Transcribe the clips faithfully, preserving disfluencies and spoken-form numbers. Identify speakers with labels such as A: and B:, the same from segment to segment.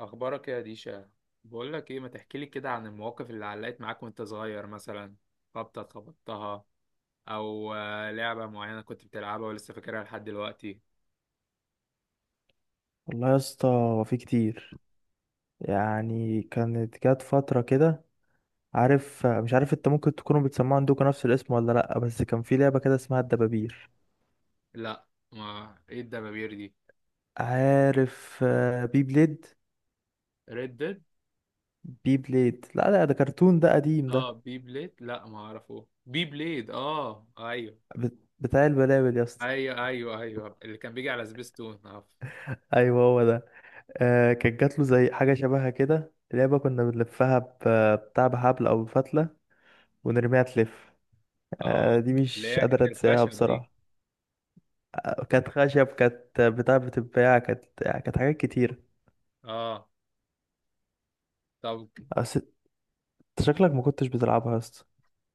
A: اخبارك إيه يا ديشا؟ بقول لك ايه، ما تحكي لي كده عن المواقف اللي علقت معاك وانت صغير مثلا؟ خبطه خبطتها، او آه، لعبه معينه كنت بتلعبها ولسه فاكرها لحد دلوقتي.
B: والله يا اسطى هو في كتير. يعني كانت جت فترة كده. عارف، مش عارف انت ممكن تكونوا بتسمعوا عندكم نفس الاسم ولا لأ، بس كان في لعبة كده اسمها الدبابير.
A: لا. ما ايه الدبابير دي؟
B: عارف، آه، بي بليد.
A: ريد ديد.
B: بي بليد، لا لا، ده كرتون، ده قديم
A: اه،
B: ده.
A: بي بليد. لا، ما اعرفه بي بليد. اه ايوه
B: بت- بتاع البلابل يا اسطى.
A: ايوه ايوه ايوه، اللي كان بيجي على سبيستون. اه.
B: ايوه هو ده. آه كانت جات له زي حاجة شبهها كده، لعبة كنا بنلفها ب- بتاع بحبل او بفتلة ونرميها تلف. آه
A: آه.
B: دي
A: اللي
B: مش
A: هي
B: قادر
A: كانت
B: انساها
A: الخشب دي.
B: بصراحة. كانت خشب، كانت بتاع بتتباع، كانت، يعني كانت حاجات كتير.
A: اه. طب.
B: بس انت شكلك ما كنتش بتلعبها يا اسطى.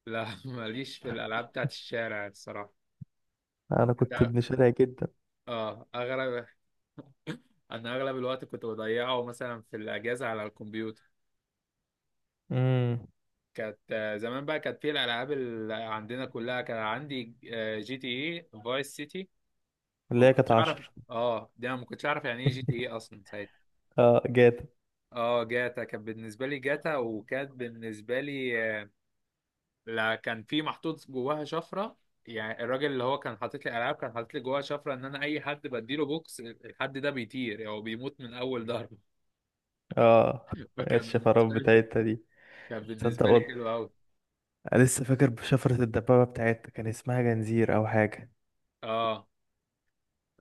A: لا، ماليش في الالعاب بتاعت الشارع الصراحه.
B: انا كنت
A: ده-
B: ابن شارع جدا.
A: اه اغرب. انا اغلب الوقت كنت بضيعه مثلا في الاجازه على الكمبيوتر.
B: امم
A: كانت آه، زمان بقى كانت في الالعاب اللي عندنا كلها، كان عندي آه، جي تي اي فايس سيتي.
B: اللي
A: ما
B: هي
A: كنتش
B: كانت
A: اعرف.
B: عشر.
A: اه، دي انا ما كنتش اعرف يعني ايه جي تي اي اصلا ساعتها.
B: اه جاتا.
A: اه، جاتا كانت بالنسبه لي جاتا، وكانت بالنسبه لي آه، لا، كان في محطوط جواها شفره. يعني الراجل اللي هو كان حاطط لي العاب كان حاطط لي جواها شفره ان انا اي حد بديله بوكس الحد ده بيطير، او يعني بيموت من اول ضربه.
B: اه،
A: فكان
B: الشفرات
A: بالنسبه لي،
B: بتاعتها دي،
A: كان
B: تصدق
A: بالنسبه لي
B: والله،
A: حلو قوي.
B: انا لسه فاكر شفرة الدبابة بتاعتها كان اسمها جنزير او حاجة.
A: اه.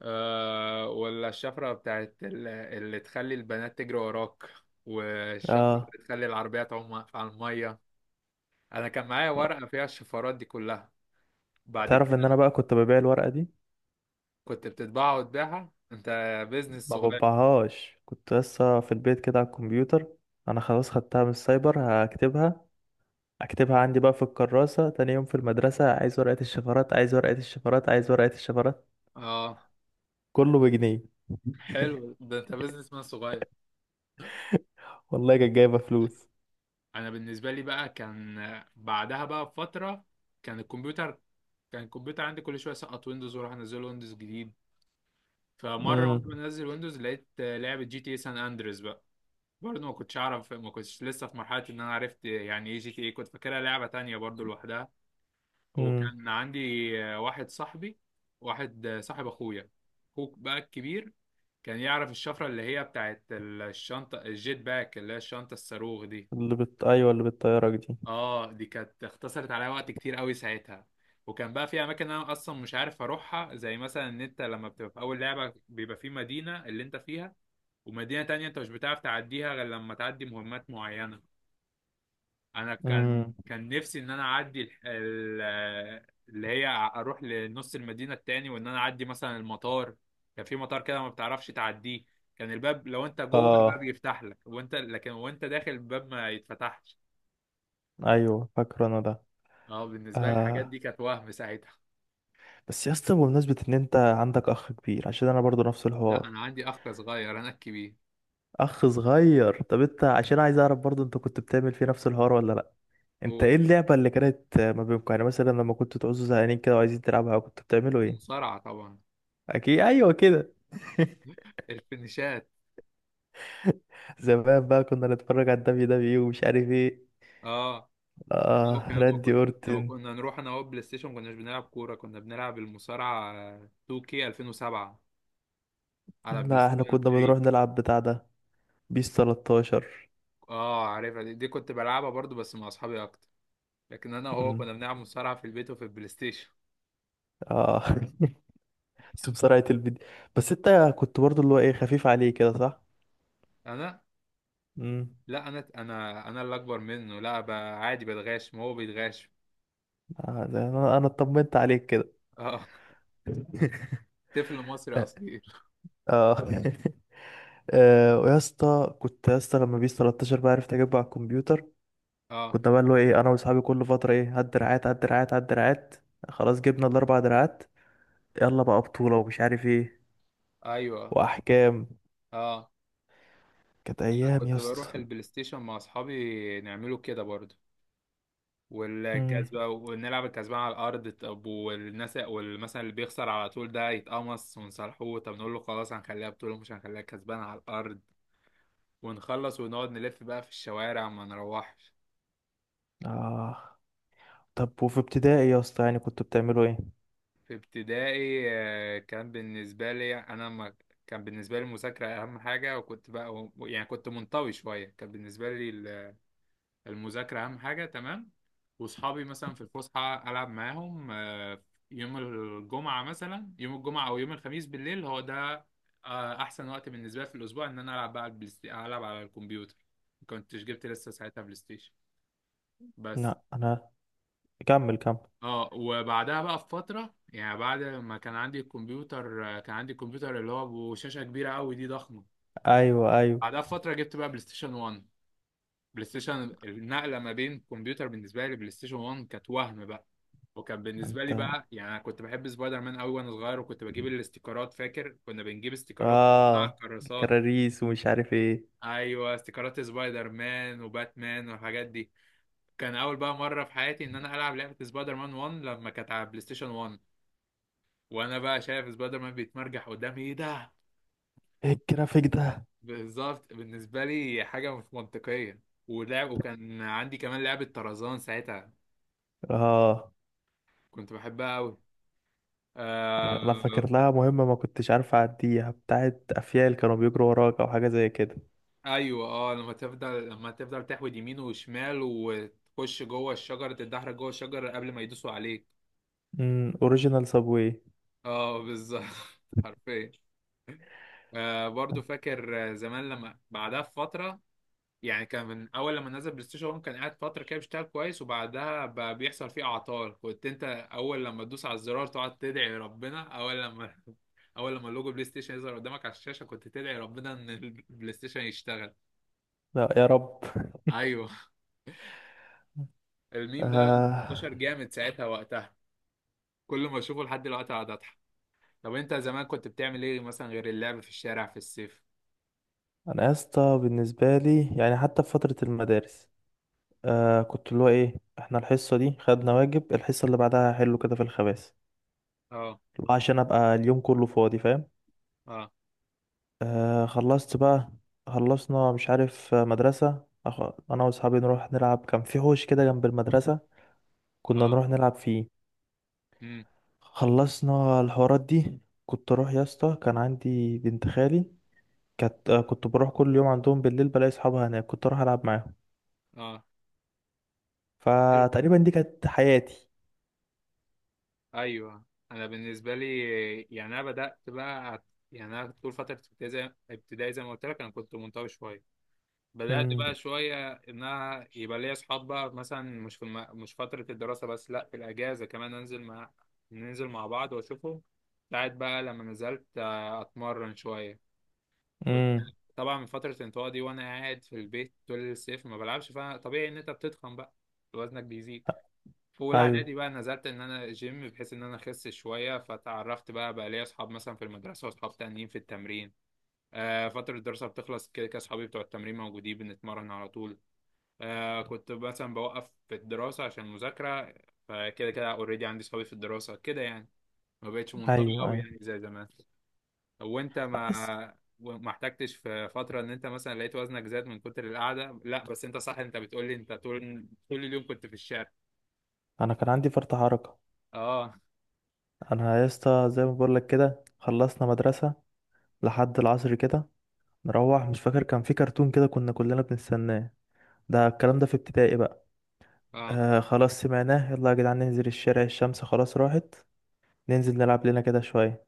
A: آه، ولا الشفرة بتاعت ال- اللي تخلي البنات تجري وراك، والشفرة
B: اه.
A: اللي تخلي العربية تعوم على المية. أنا كان معايا
B: آه.
A: ورقة فيها الشفرات دي كلها. بعد
B: تعرف
A: كده
B: ان انا بقى كنت ببيع الورقة دي؟
A: كنت بتطبعها وتبيعها أنت؟ بيزنس
B: ما
A: صغير.
B: بطبعهاش، كنت لسه في البيت كده على الكمبيوتر. انا خلاص خدتها من السايبر، هكتبها، اكتبها عندي بقى في الكراسة. تاني يوم في المدرسة: عايز ورقة الشفرات، عايز ورقة الشفرات، عايز ورقة الشفرات،
A: اه،
B: كله بجنيه.
A: حلو ده، أنت بيزنس مان صغير.
B: والله كانت جايبة فلوس.
A: أنا بالنسبة لي بقى كان، بعدها بقى بفترة، كان الكمبيوتر كان الكمبيوتر عندي كل شوية سقط ويندوز وأروح أنزله ويندوز جديد. فمرة وأنا
B: امم
A: بنزل ويندوز لقيت لعبة جي تي اي سان أندريس. برضه ما كنتش اعرف، ما كنتش لسه في مرحله ان انا عرفت يعني ايه جي تي ايه، كنت فاكرها لعبه تانية برضه لوحدها.
B: امم
A: وكان عندي واحد صاحبي، واحد صاحب اخويا، اخوك بقى الكبير، كان يعرف الشفره اللي هي بتاعت الشنطه الجيت باك، اللي هي الشنطه الصاروخ دي.
B: اللي بت... ايوه اللي بالطيارة دي.
A: اه، دي كانت اختصرت عليا وقت كتير قوي ساعتها. وكان بقى في اماكن انا اصلا مش عارف اروحها، زي مثلا ان انت لما بتبقى في اول لعبه بيبقى في مدينه اللي انت فيها، ومدينه تانية انت مش بتعرف تعديها غير لما تعدي مهمات معينه. انا كان
B: امم
A: كان نفسي ان انا اعدي الح- ال- اللي هي اروح لنص المدينه التاني، وان انا اعدي مثلا المطار. كان في مطار كده ما بتعرفش تعديه، كان الباب لو انت جوه الباب
B: اه
A: يفتح لك، وانت لكن وانت داخل الباب ما يتفتحش.
B: ايوه فاكره انا ده.
A: اه، بالنسبه لي الحاجات
B: آه.
A: دي كانت وهم ساعتها.
B: بس يا اسطى، بمناسبة ان انت عندك اخ كبير، عشان انا برضو نفس
A: لا،
B: الحوار.
A: انا عندي اخ صغير، انا الكبير.
B: اخ صغير، طب انت عشان عايز اعرف برضو، انت كنت بتعمل فيه نفس الحوار ولا لا؟ انت
A: هو
B: ايه اللعبة اللي كانت ما بينكم؟ يعني مثلا لما كنتوا تعوزوا زهقانين كده وعايزين تلعبها كنتوا بتعملوا ايه؟
A: المصارعه طبعا.
B: اكيد، ايوه كده.
A: الفينيشات.
B: زمان بقى كنا نتفرج على الدبليو دبليو ومش عارف ايه.
A: اه. لا،
B: اه،
A: وكان- لما
B: راندي
A: كنا لما
B: اورتن.
A: كنا نروح انا وهو بلاي ستيشن ما كناش بنلعب كوره، كنا بنلعب المصارعه تو كيه ألفين وسبعة على بلاي
B: لا، احنا
A: ستيشن
B: كنا
A: تري.
B: بنروح نلعب بتاع ده، بيس ثلاثة عشر.
A: اه، عارفها دي، دي كنت بلعبها برضو بس مع اصحابي اكتر. لكن انا وهو
B: مم.
A: كنا بنلعب مصارعة في البيت وفي البلاي ستيشن.
B: اه. بس بسرعة الفيديو. بس انت كنت برضو اللي هو ايه، خفيف عليه كده، صح؟
A: انا،
B: مم.
A: لا، انا انا انا اللي اكبر منه، لا بقى عادي بتغاش ما هو بيتغاش.
B: آه، ده انا انا اطمنت عليك كده.
A: اه. طفل مصري
B: اه.
A: اصيل.
B: آه. آه، ويا اسطى كنت يا اسطى، لما بيس تلتاشر بقى عرفت اجيبه على الكمبيوتر،
A: اه.
B: كنا بقى اللي هو ايه، انا واصحابي كل فترة ايه: هات دراعات، هات دراعات، هات دراعات. خلاص جبنا الاربع دراعات، يلا بقى بطولة ومش عارف ايه
A: ايوه.
B: واحكام.
A: اه.
B: كانت
A: انا
B: ايام يا
A: كنت
B: اسطى.
A: بروح البلاي ستيشن مع اصحابي نعمله كده برضو.
B: مم.
A: والكسبة ونلعب الكسبان على الأرض، طب والناس والمثلا اللي بيخسر على طول ده يتقمص، ونصالحوه طب نقول له خلاص هنخليها بطولة مش هنخليها كسبان على الأرض. ونخلص ونقعد نلف بقى في الشوارع ما نروحش.
B: اه. طب وفي ابتدائي يا اسطى يعني كنتوا بتعملوا ايه؟
A: في ابتدائي آه، كان بالنسبة لي أنا ما كان بالنسبة لي المذاكرة أهم حاجة، وكنت بقى يعني كنت منطوي شوية، كان بالنسبة لي ال- المذاكرة أهم حاجة تمام. وصحابي مثلا في الفسحة ألعب معاهم. آه، يوم الجمعة مثلا يوم الجمعة أو يوم الخميس بالليل هو ده آه، أحسن وقت بالنسبة لي في الأسبوع إن أنا ألعب بقى على البلاي ستي- ألعب على الكمبيوتر. ما كنتش جبت لسه ساعتها بلاي ستيشن بس.
B: لا انا، كمل كمل.
A: اه، وبعدها بقى بفترة يعني بعد ما كان عندي الكمبيوتر، آه، كان عندي الكمبيوتر اللي هو بشاشة كبيرة قوي دي، ضخمة.
B: ايوه ايوه.
A: بعدها بفترة جبت بقى بلاي ستيشن واحد. بلاي ستيشن النقلة ما بين كمبيوتر بالنسبة لي، بلاي ستيشن واحد كانت وهم بقى. وكان بالنسبة لي
B: انت.
A: بقى يعني، أنا كنت بحب سبايدر مان قوي وأنا صغير، وكنت بجيب الاستيكرات، فاكر كنا بنجيب استيكرات ونقطع
B: اه.
A: الكراسات.
B: كراريس ومش عارف ايه.
A: أيوه، استيكرات سبايدر مان وباتمان والحاجات دي. كان أول بقى مرة في حياتي إن أنا ألعب لعبة سبايدر مان واحد لما كانت على بلاي ستيشن واحد. وانا بقى شايف سبايدر مان بيتمرجح قدامي، ايه ده!
B: ايه الجرافيك ده؟
A: بالظبط، بالنسبه لي حاجه مش منطقيه. ولعب، وكان عندي كمان لعبه طرزان ساعتها،
B: اه،
A: كنت بحبها قوي. آه...
B: انا انا فاكر لها مهمه ما كنتش عارف اعديها، بتاعت افيال كانوا بيجروا وراك او حاجه زي كده.
A: ايوه، اه، لما تفضل لما تفضل تحود يمين وشمال وتخش جوه الشجره، تتدحرج جوه الشجره قبل ما يدوسوا عليك.
B: امم اوريجينال سابوي.
A: اه بالظبط. حرفيا. آه، برضو فاكر زمان لما بعدها بفتره، يعني كان من اول لما نزل بلاي ستيشن واحد كان قاعد فتره كده بيشتغل كويس، وبعدها بقى بيحصل فيه اعطال. كنت انت اول لما تدوس على الزرار تقعد تدعي ربنا، اول لما اول لما لوجو بلاي ستيشن يظهر قدامك على الشاشه كنت تدعي ربنا ان البلاي ستيشن يشتغل.
B: لا يا رب.
A: ايوه. الميم ده
B: آه.
A: انتشر جامد ساعتها وقتها، كل ما اشوفه لحد دلوقتي اقعد اضحك. طب انت زمان كنت بتعمل ايه مثلا غير اللعب في الشارع في الصيف؟
B: انا يا اسطى بالنسبه لي، يعني حتى في فتره المدارس، آه كنت اللي هو ايه، احنا الحصه دي خدنا واجب، الحصه اللي بعدها هحله كده في الخباث،
A: اه.
B: عشان ابقى اليوم كله فاضي، فاهم.
A: اه.
B: آه خلصت بقى، خلصنا، مش عارف، آه، مدرسه، أخ... انا واصحابي نروح نلعب. كان في حوش كده جنب المدرسه، كنا
A: اه.
B: نروح نلعب فيه.
A: امم
B: خلصنا الحوارات دي، كنت اروح يا اسطى، كان عندي بنت خالي، كانت آه، كنت بروح كل يوم عندهم بالليل، بلاقي اصحابها هناك، كنت اروح العب معاهم.
A: اه.
B: فتقريبا دي كانت حياتي.
A: ايوه. انا بالنسبه لي يعني، انا بدات بقى أت- يعني انا طول فتره ابتدائي، زي ابتدائي زي ما قلت لك انا كنت منطوي شويه. بدات
B: امم
A: بقى شويه ان انا يبقى ليا اصحاب بقى، مثلا مش في الم... مش فتره الدراسه بس، لا، في الاجازه كمان انزل مع، ننزل مع بعض واشوفهم. ساعات بقى لما نزلت آه، اتمرن شويه كنت.
B: امم
A: طبعا من فتره الانطواء دي وانا قاعد في البيت طول الصيف ما بلعبش، فطبيعي ان انت بتتخن بقى، وزنك بيزيد. في اولى
B: ايوه
A: اعدادي بقى نزلت ان انا جيم بحيث ان انا اخس شويه، فتعرفت بقى بقى ليا اصحاب مثلا في المدرسه واصحاب تانيين في التمرين. آه، فتره الدراسه بتخلص كده كده اصحابي بتوع التمرين موجودين بنتمرن على طول. آه، كنت مثلا بوقف في الدراسه عشان المذاكره، فكده كده اوريدي عندي اصحابي في الدراسه كده يعني، ما بقتش منطوي
B: ايوه
A: قوي
B: ايوه.
A: يعني زي زمان. وانت
B: لا
A: ما
B: بس،
A: ما احتجتش في فتره ان انت مثلا لقيت وزنك زاد من كتر القعده، لا بس انت صح، انت بتقولي انت طول طول اليوم كنت في الشارع.
B: انا كان عندي فرط حركه.
A: اه.
B: انا يا اسطى زي ما بقول لك كده، خلصنا مدرسه لحد العصر كده، نروح، مش فاكر كان في كرتون كده كنا كلنا بنستناه، ده الكلام ده في ابتدائي بقى.
A: اه.
B: آه خلاص سمعناه، يلا يا جدعان ننزل الشارع، الشمس خلاص راحت، ننزل نلعب لنا كده شويه.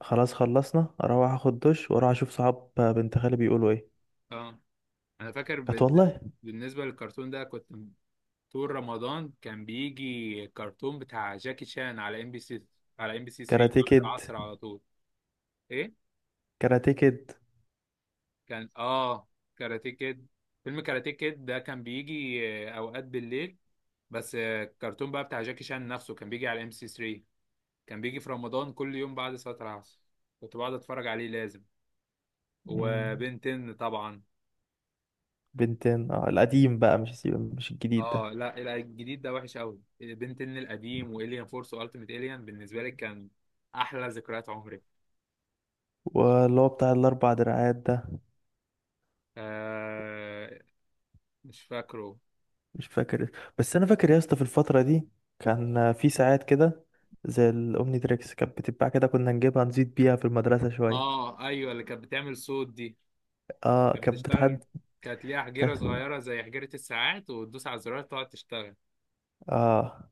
B: خلاص خلصنا، اروح اخد دش واروح اشوف صحاب بنت خالي بيقولوا ايه.
A: اه. انا فاكر
B: كانت
A: بال-
B: والله.
A: بالنسبه للكرتون ده كنت، طول رمضان كان بيجي كرتون بتاع جاكي شان على ام بي سي، على ام بي سي تري
B: كاراتيه
A: بعد
B: كيد.
A: العصر على طول. ايه.
B: كاراتيه كيد.
A: كان، اه، كاراتيه كيد. فيلم كاراتيه كيد ده كان بيجي آه، اوقات بالليل. بس آه، الكرتون بقى بتاع جاكي شان نفسه كان بيجي على ام بي سي تري، كان بيجي في رمضان كل يوم بعد صلاة العصر، كنت بقعد اتفرج عليه لازم.
B: مم.
A: وبنتن طبعا.
B: بنتين، اه القديم بقى، مش مش الجديد ده.
A: اه، لا لا، الجديد ده وحش قوي، بنتن القديم والين فورس والتيميت الين بالنسبه لي كان احلى ذكريات عمري.
B: واللي هو بتاع الاربع دراعات ده،
A: آه. مش فاكره.
B: مش فاكر. بس انا فاكر يا اسطى في الفتره دي كان في ساعات كده زي الاومني تريكس كانت بتتباع كده، كنا نجيبها نزيد بيها في المدرسه شويه.
A: اه ايوه، اللي كانت بتعمل صوت دي.
B: اه
A: كانت
B: كانت بتحد.
A: بتشتغل، كانت ليها
B: ك...
A: حجيره صغيره زي حجيره الساعات، وتدوس على الزرار تقعد تشتغل.
B: اه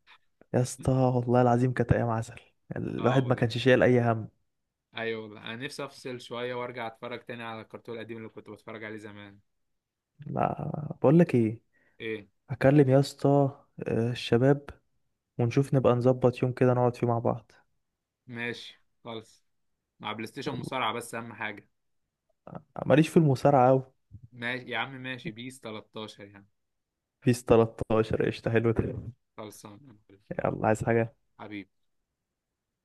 B: يا اسطى والله العظيم كانت ايام عسل،
A: اه
B: الواحد ما
A: والله.
B: كانش شايل اي هم.
A: ايوه والله، انا نفسي افصل شويه وارجع اتفرج تاني على الكرتون القديم اللي كنت بتفرج عليه زمان.
B: لا، بقول لك ايه،
A: ايه.
B: هكلم يا اسطى آه، الشباب، ونشوف نبقى نظبط يوم كده نقعد فيه مع بعض.
A: ماشي خالص. مع بلاي ستيشن مصارعه بس اهم حاجه.
B: ماليش في المصارعه قوي.
A: ماشي يا عم، ماشي، بيس تلتاشر يعني.
B: بيس ثلاثة عشر قشطه، حلو ده.
A: خلصان.
B: يلا عايز حاجه؟
A: حبيبي.